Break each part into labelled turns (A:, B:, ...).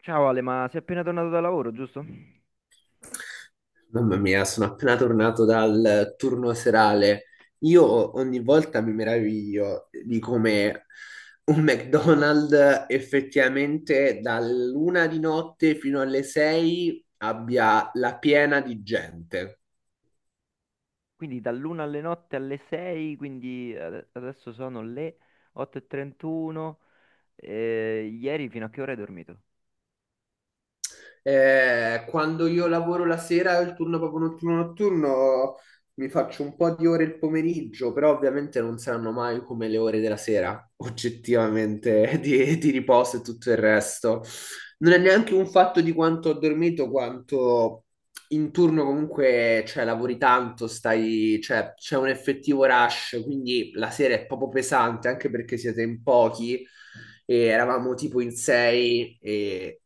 A: Ciao Ale, ma sei appena tornato da lavoro, giusto?
B: Mamma mia, sono appena tornato dal turno serale. Io ogni volta mi meraviglio di come un McDonald's effettivamente dall'una di notte fino alle sei abbia la piena di gente.
A: Quindi dall'una alle notte alle 6, quindi adesso sono le 8:31. Ieri fino a che ora hai dormito?
B: Quando io lavoro la sera, il turno proprio notturno notturno, mi faccio un po' di ore il pomeriggio, però ovviamente non saranno mai come le ore della sera, oggettivamente, di riposo e tutto il resto. Non è neanche un fatto di quanto ho dormito, quanto in turno comunque, cioè, lavori tanto, stai, cioè, c'è un effettivo rush, quindi la sera è proprio pesante, anche perché siete in pochi e eravamo tipo in sei, e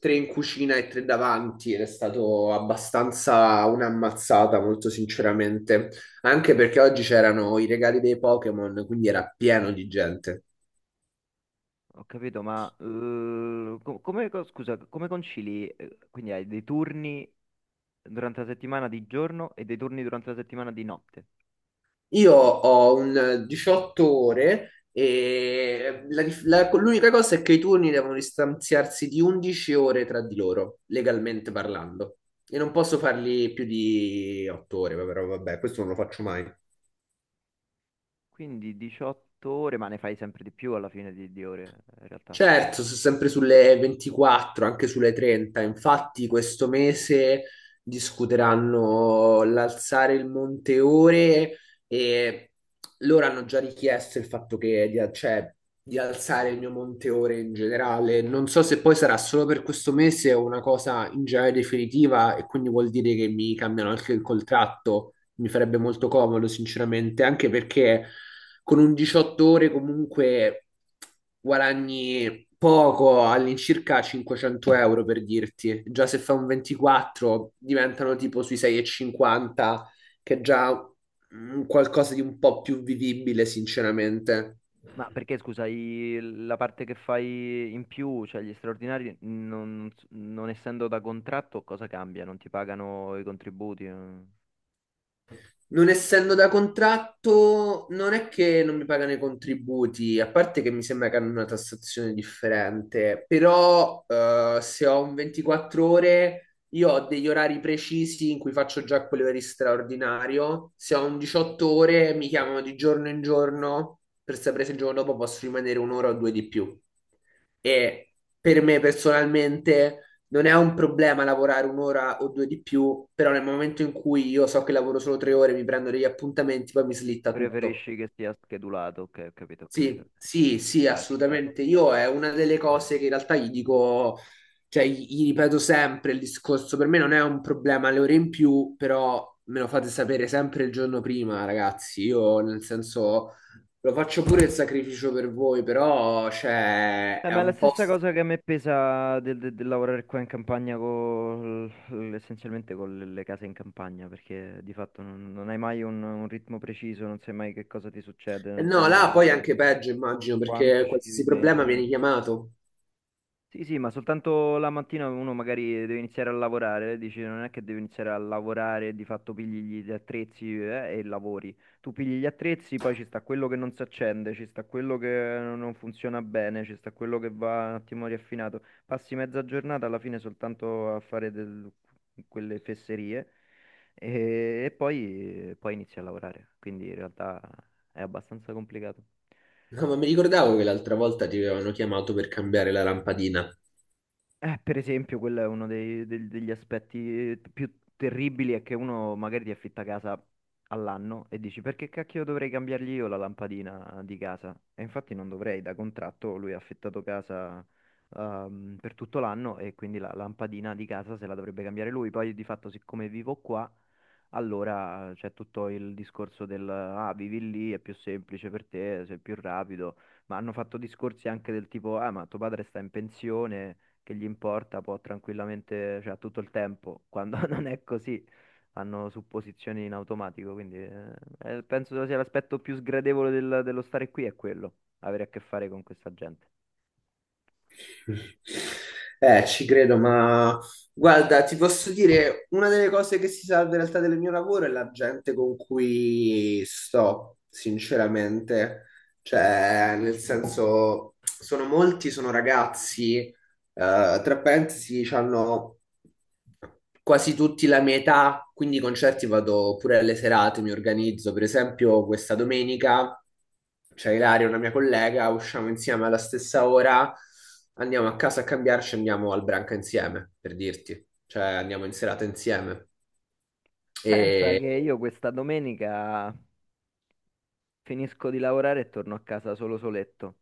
B: tre in cucina e tre davanti ed è stato abbastanza un'ammazzata, molto sinceramente, anche perché oggi c'erano i regali dei Pokémon, quindi era pieno di gente.
A: Ho capito, ma come, scusa, come concili? Quindi hai dei turni durante la settimana di giorno e dei turni durante la settimana di notte.
B: Io ho un 18 ore e l'unica cosa è che i turni devono distanziarsi di 11 ore tra di loro, legalmente parlando. E non posso farli più di 8 ore, però vabbè, questo non lo faccio mai.
A: Quindi 18 ore, ma ne fai sempre di più alla fine di ore, in realtà.
B: Certo, sono sempre sulle 24, anche sulle 30. Infatti, questo mese discuteranno l'alzare il monte ore e loro hanno già richiesto il fatto che cioè, di alzare il mio monte ore in generale. Non so se poi sarà solo per questo mese o una cosa in generale definitiva, e quindi vuol dire che mi cambiano anche il contratto. Mi farebbe molto comodo, sinceramente, anche perché con un 18 ore comunque guadagni poco, all'incirca 500 euro per dirti. Già se fa un 24 diventano tipo sui 6,50, che è già mm, qualcosa di un po' più vivibile, sinceramente.
A: Ma perché scusa, la parte che fai in più, cioè gli straordinari, non essendo da contratto, cosa cambia? Non ti pagano i contributi, eh?
B: Non essendo da contratto, non è che non mi pagano i contributi, a parte che mi sembra che hanno una tassazione differente, però se ho un 24 ore, io ho degli orari precisi in cui faccio già quell'ora di straordinario, se ho un 18 ore mi chiamano di giorno in giorno per sapere se il giorno dopo posso rimanere un'ora o due di più. E per me personalmente non è un problema lavorare un'ora o due di più, però nel momento in cui io so che lavoro solo 3 ore, mi prendo degli appuntamenti, poi mi slitta tutto.
A: Preferisci che sia schedulato? Ok, ho capito, ho capito.
B: Sì, sì,
A: Sì, ci
B: sì,
A: sta, ci sta.
B: assolutamente. Io è una delle cose che in realtà gli dico, cioè gli ripeto sempre il discorso, per me non è un problema le ore in più, però me lo fate sapere sempre il giorno prima, ragazzi. Io nel senso lo faccio pure il sacrificio per voi, però cioè, è
A: Ma è la
B: un po'.
A: stessa cosa che a me pesa del lavorare qua in campagna essenzialmente con le case in campagna, perché di fatto non hai mai un ritmo preciso, non sai mai che cosa ti succede, non sai
B: No, là
A: mai
B: poi è anche peggio, immagino,
A: quanto
B: perché
A: ci devi
B: qualsiasi problema
A: mettere.
B: viene chiamato.
A: Sì, sì, ma soltanto la mattina uno magari deve iniziare a lavorare, dici non è che devi iniziare a lavorare, di fatto pigli gli attrezzi, e lavori. Tu pigli gli attrezzi, poi ci sta quello che non si accende, ci sta quello che non funziona bene, ci sta quello che va un attimo riaffinato. Passi mezza giornata alla fine soltanto a fare quelle fesserie e poi, poi inizi a lavorare, quindi in realtà è abbastanza complicato.
B: No, ma mi ricordavo che l'altra volta ti avevano chiamato per cambiare la lampadina.
A: Per esempio, quello è uno degli aspetti più terribili, è che uno magari ti affitta casa all'anno e dici perché cacchio dovrei cambiargli io la lampadina di casa? E infatti non dovrei, da contratto lui ha affittato casa per tutto l'anno e quindi la lampadina di casa se la dovrebbe cambiare lui. Poi di fatto, siccome vivo qua, allora c'è tutto il discorso del ah, vivi lì, è più semplice per te, sei più rapido, ma hanno fatto discorsi anche del tipo ah, ma tuo padre sta in pensione, che gli importa, può tranquillamente, cioè ha tutto il tempo, quando non è così, hanno supposizioni in automatico, quindi penso sia l'aspetto più sgradevole dello stare qui è quello, avere a che fare con questa gente.
B: Ci credo, ma guarda, ti posso dire, una delle cose che si salva in realtà del mio lavoro è la gente con cui sto, sinceramente. Cioè, nel senso, sono molti, sono ragazzi. Tra parentesi, hanno quasi tutti la mia età, quindi i concerti vado pure alle serate, mi organizzo. Per esempio, questa domenica c'è Ilaria, una mia collega, usciamo insieme alla stessa ora, andiamo a casa a cambiarci, andiamo al Branca insieme, per dirti. Cioè, andiamo in serata insieme.
A: Pensa
B: E
A: che io questa domenica finisco di lavorare e torno a casa solo soletto.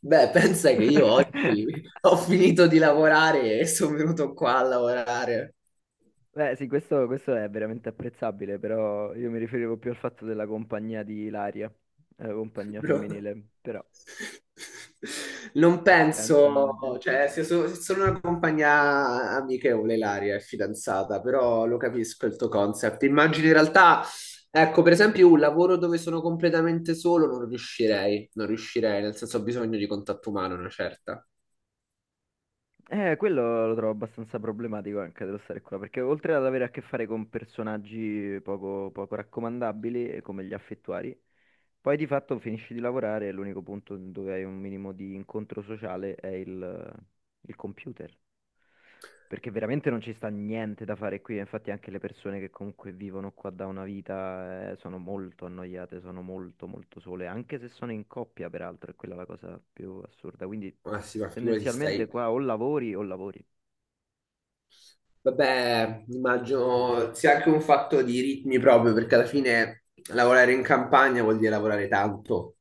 B: beh, pensa che io oggi ho finito di lavorare e sono venuto qua a lavorare,
A: Beh, sì, questo è veramente apprezzabile, però io mi riferivo più al fatto della compagnia di Ilaria, compagnia
B: bro.
A: femminile, però
B: Non
A: pazienza,
B: penso,
A: immagino.
B: cioè, se sono una compagnia amichevole, Ilaria è fidanzata, però lo capisco il tuo concept. Immagino in realtà, ecco, per esempio, un lavoro dove sono completamente solo non riuscirei, non riuscirei, nel senso ho bisogno di contatto umano, una certa.
A: Quello lo trovo abbastanza problematico anche dello stare qua, perché oltre ad avere a che fare con personaggi poco, poco raccomandabili, come gli affettuari, poi di fatto finisci di lavorare e l'unico punto dove hai un minimo di incontro sociale è il computer, perché veramente non ci sta niente da fare qui, infatti anche le persone che comunque vivono qua da una vita, sono molto annoiate, sono molto molto sole, anche se sono in coppia peraltro, è quella la cosa più assurda, quindi
B: Ma sì, ma figurati
A: tendenzialmente
B: stai.
A: qua o lavori o lavori.
B: Vabbè, immagino sia anche un fatto di ritmi proprio, perché alla fine lavorare in campagna vuol dire lavorare tanto.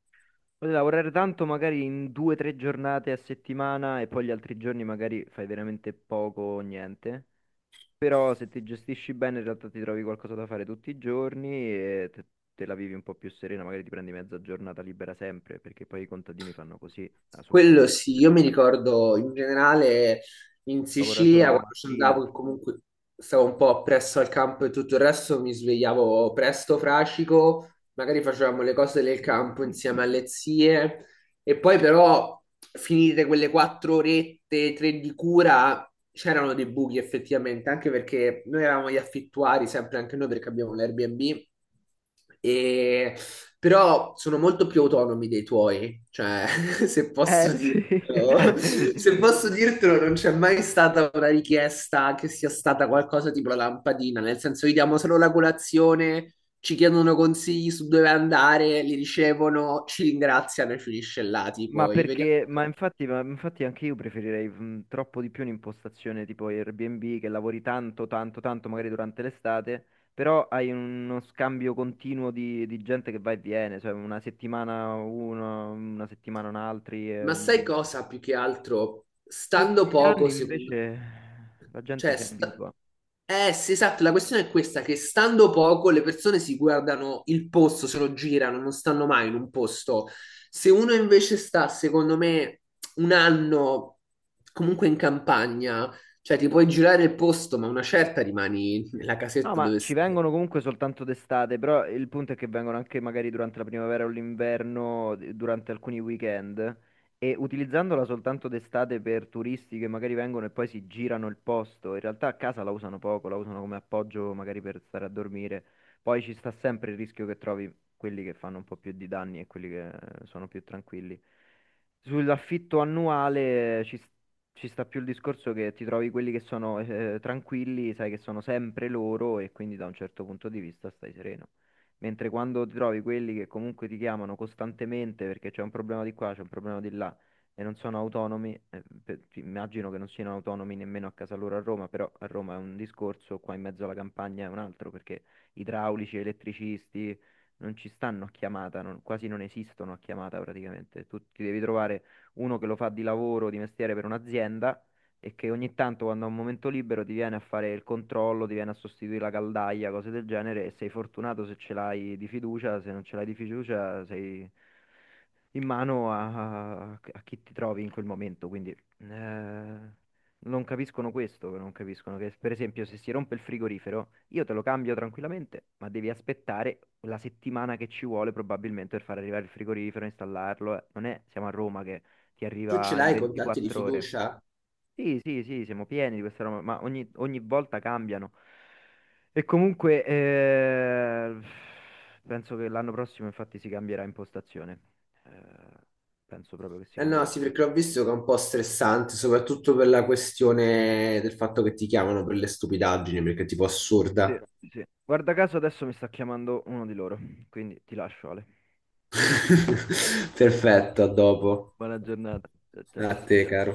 A: Puoi lavorare tanto magari in due o tre giornate a settimana e poi gli altri giorni magari fai veramente poco o niente. Però se ti gestisci bene in realtà ti trovi qualcosa da fare tutti i giorni e te la vivi un po' più serena, magari ti prendi mezza giornata libera sempre, perché poi i contadini fanno così, ah, soprattutto
B: Quello sì,
A: durante
B: io mi
A: l'estate.
B: ricordo in generale in
A: Lavora
B: Sicilia
A: solo la
B: quando ci
A: mattina.
B: andavo, che comunque stavo un po' presso al campo e tutto il resto, mi svegliavo presto, fracico, magari facevamo le cose del campo insieme alle zie, e poi però finite quelle 4 orette, tre di cura, c'erano dei buchi effettivamente, anche perché noi eravamo gli affittuari, sempre anche noi perché abbiamo l'Airbnb. E però sono molto più autonomi dei tuoi, cioè se posso
A: Eh sì.
B: dirtelo, se posso dirtelo non c'è mai stata una richiesta che sia stata qualcosa tipo la lampadina, nel senso gli diamo solo la colazione, ci chiedono consigli su dove andare, li ricevono, ci ringraziano e finisce là,
A: Ma
B: tipo, li vediamo.
A: perché, ma infatti anche io preferirei troppo di più un'impostazione tipo Airbnb, che lavori tanto, tanto, tanto, magari durante l'estate, però hai uno scambio continuo di gente che va e viene, cioè una settimana uno, una settimana un altri.
B: Ma sai
A: Mh,
B: cosa più che altro?
A: tutti
B: Stando
A: gli anni
B: poco, secondo.
A: invece la gente
B: Cioè,
A: si abitua.
B: eh sì, esatto, la questione è questa, che stando poco le persone si guardano il posto, se lo girano, non stanno mai in un posto. Se uno invece sta, secondo me, un anno comunque in campagna, cioè ti puoi girare il posto, ma una certa rimani nella
A: No,
B: casetta
A: ma
B: dove
A: ci
B: stai.
A: vengono comunque soltanto d'estate, però il punto è che vengono anche magari durante la primavera o l'inverno, durante alcuni weekend, e utilizzandola soltanto d'estate per turisti che magari vengono e poi si girano il posto, in realtà a casa la usano poco, la usano come appoggio magari per stare a dormire, poi ci sta sempre il rischio che trovi quelli che fanno un po' più di danni e quelli che sono più tranquilli. Sull'affitto annuale ci sta più il discorso che ti trovi quelli che sono tranquilli, sai che sono sempre loro e quindi da un certo punto di vista stai sereno. Mentre quando ti trovi quelli che comunque ti chiamano costantemente perché c'è un problema di qua, c'è un problema di là e non sono autonomi, immagino che non siano autonomi nemmeno a casa loro a Roma, però a Roma è un discorso, qua in mezzo alla campagna è un altro, perché idraulici, elettricisti non ci stanno a chiamata, quasi non esistono a chiamata praticamente. Tu ti devi trovare uno che lo fa di lavoro, di mestiere per un'azienda, e che ogni tanto quando ha un momento libero ti viene a fare il controllo, ti viene a sostituire la caldaia, cose del genere, e sei fortunato se ce l'hai di fiducia, se non ce l'hai di fiducia sei in mano a chi ti trovi in quel momento, quindi non capiscono questo, non capiscono che per esempio se si rompe il frigorifero io te lo cambio tranquillamente, ma devi aspettare la settimana che ci vuole probabilmente per far arrivare il frigorifero, installarlo, eh. Non è, siamo a Roma che ti
B: Tu ce
A: arriva in
B: l'hai i contatti di
A: 24 ore.
B: fiducia?
A: Sì, sì, sì, siamo pieni di questa roba, ma ogni volta cambiano. E comunque, penso che l'anno prossimo infatti si cambierà impostazione. Eh, penso proprio che si
B: Eh no,
A: cambierà
B: sì, perché ho
A: impostazione.
B: visto che è un po' stressante, soprattutto per la questione del fatto che ti chiamano per le stupidaggini, perché è tipo
A: Sì,
B: assurda.
A: sì. Guarda caso adesso mi sta chiamando uno di loro, quindi ti lascio, Ale.
B: Perfetto, a dopo.
A: Buona giornata. Ciao,
B: A
A: ciao.
B: te, caro.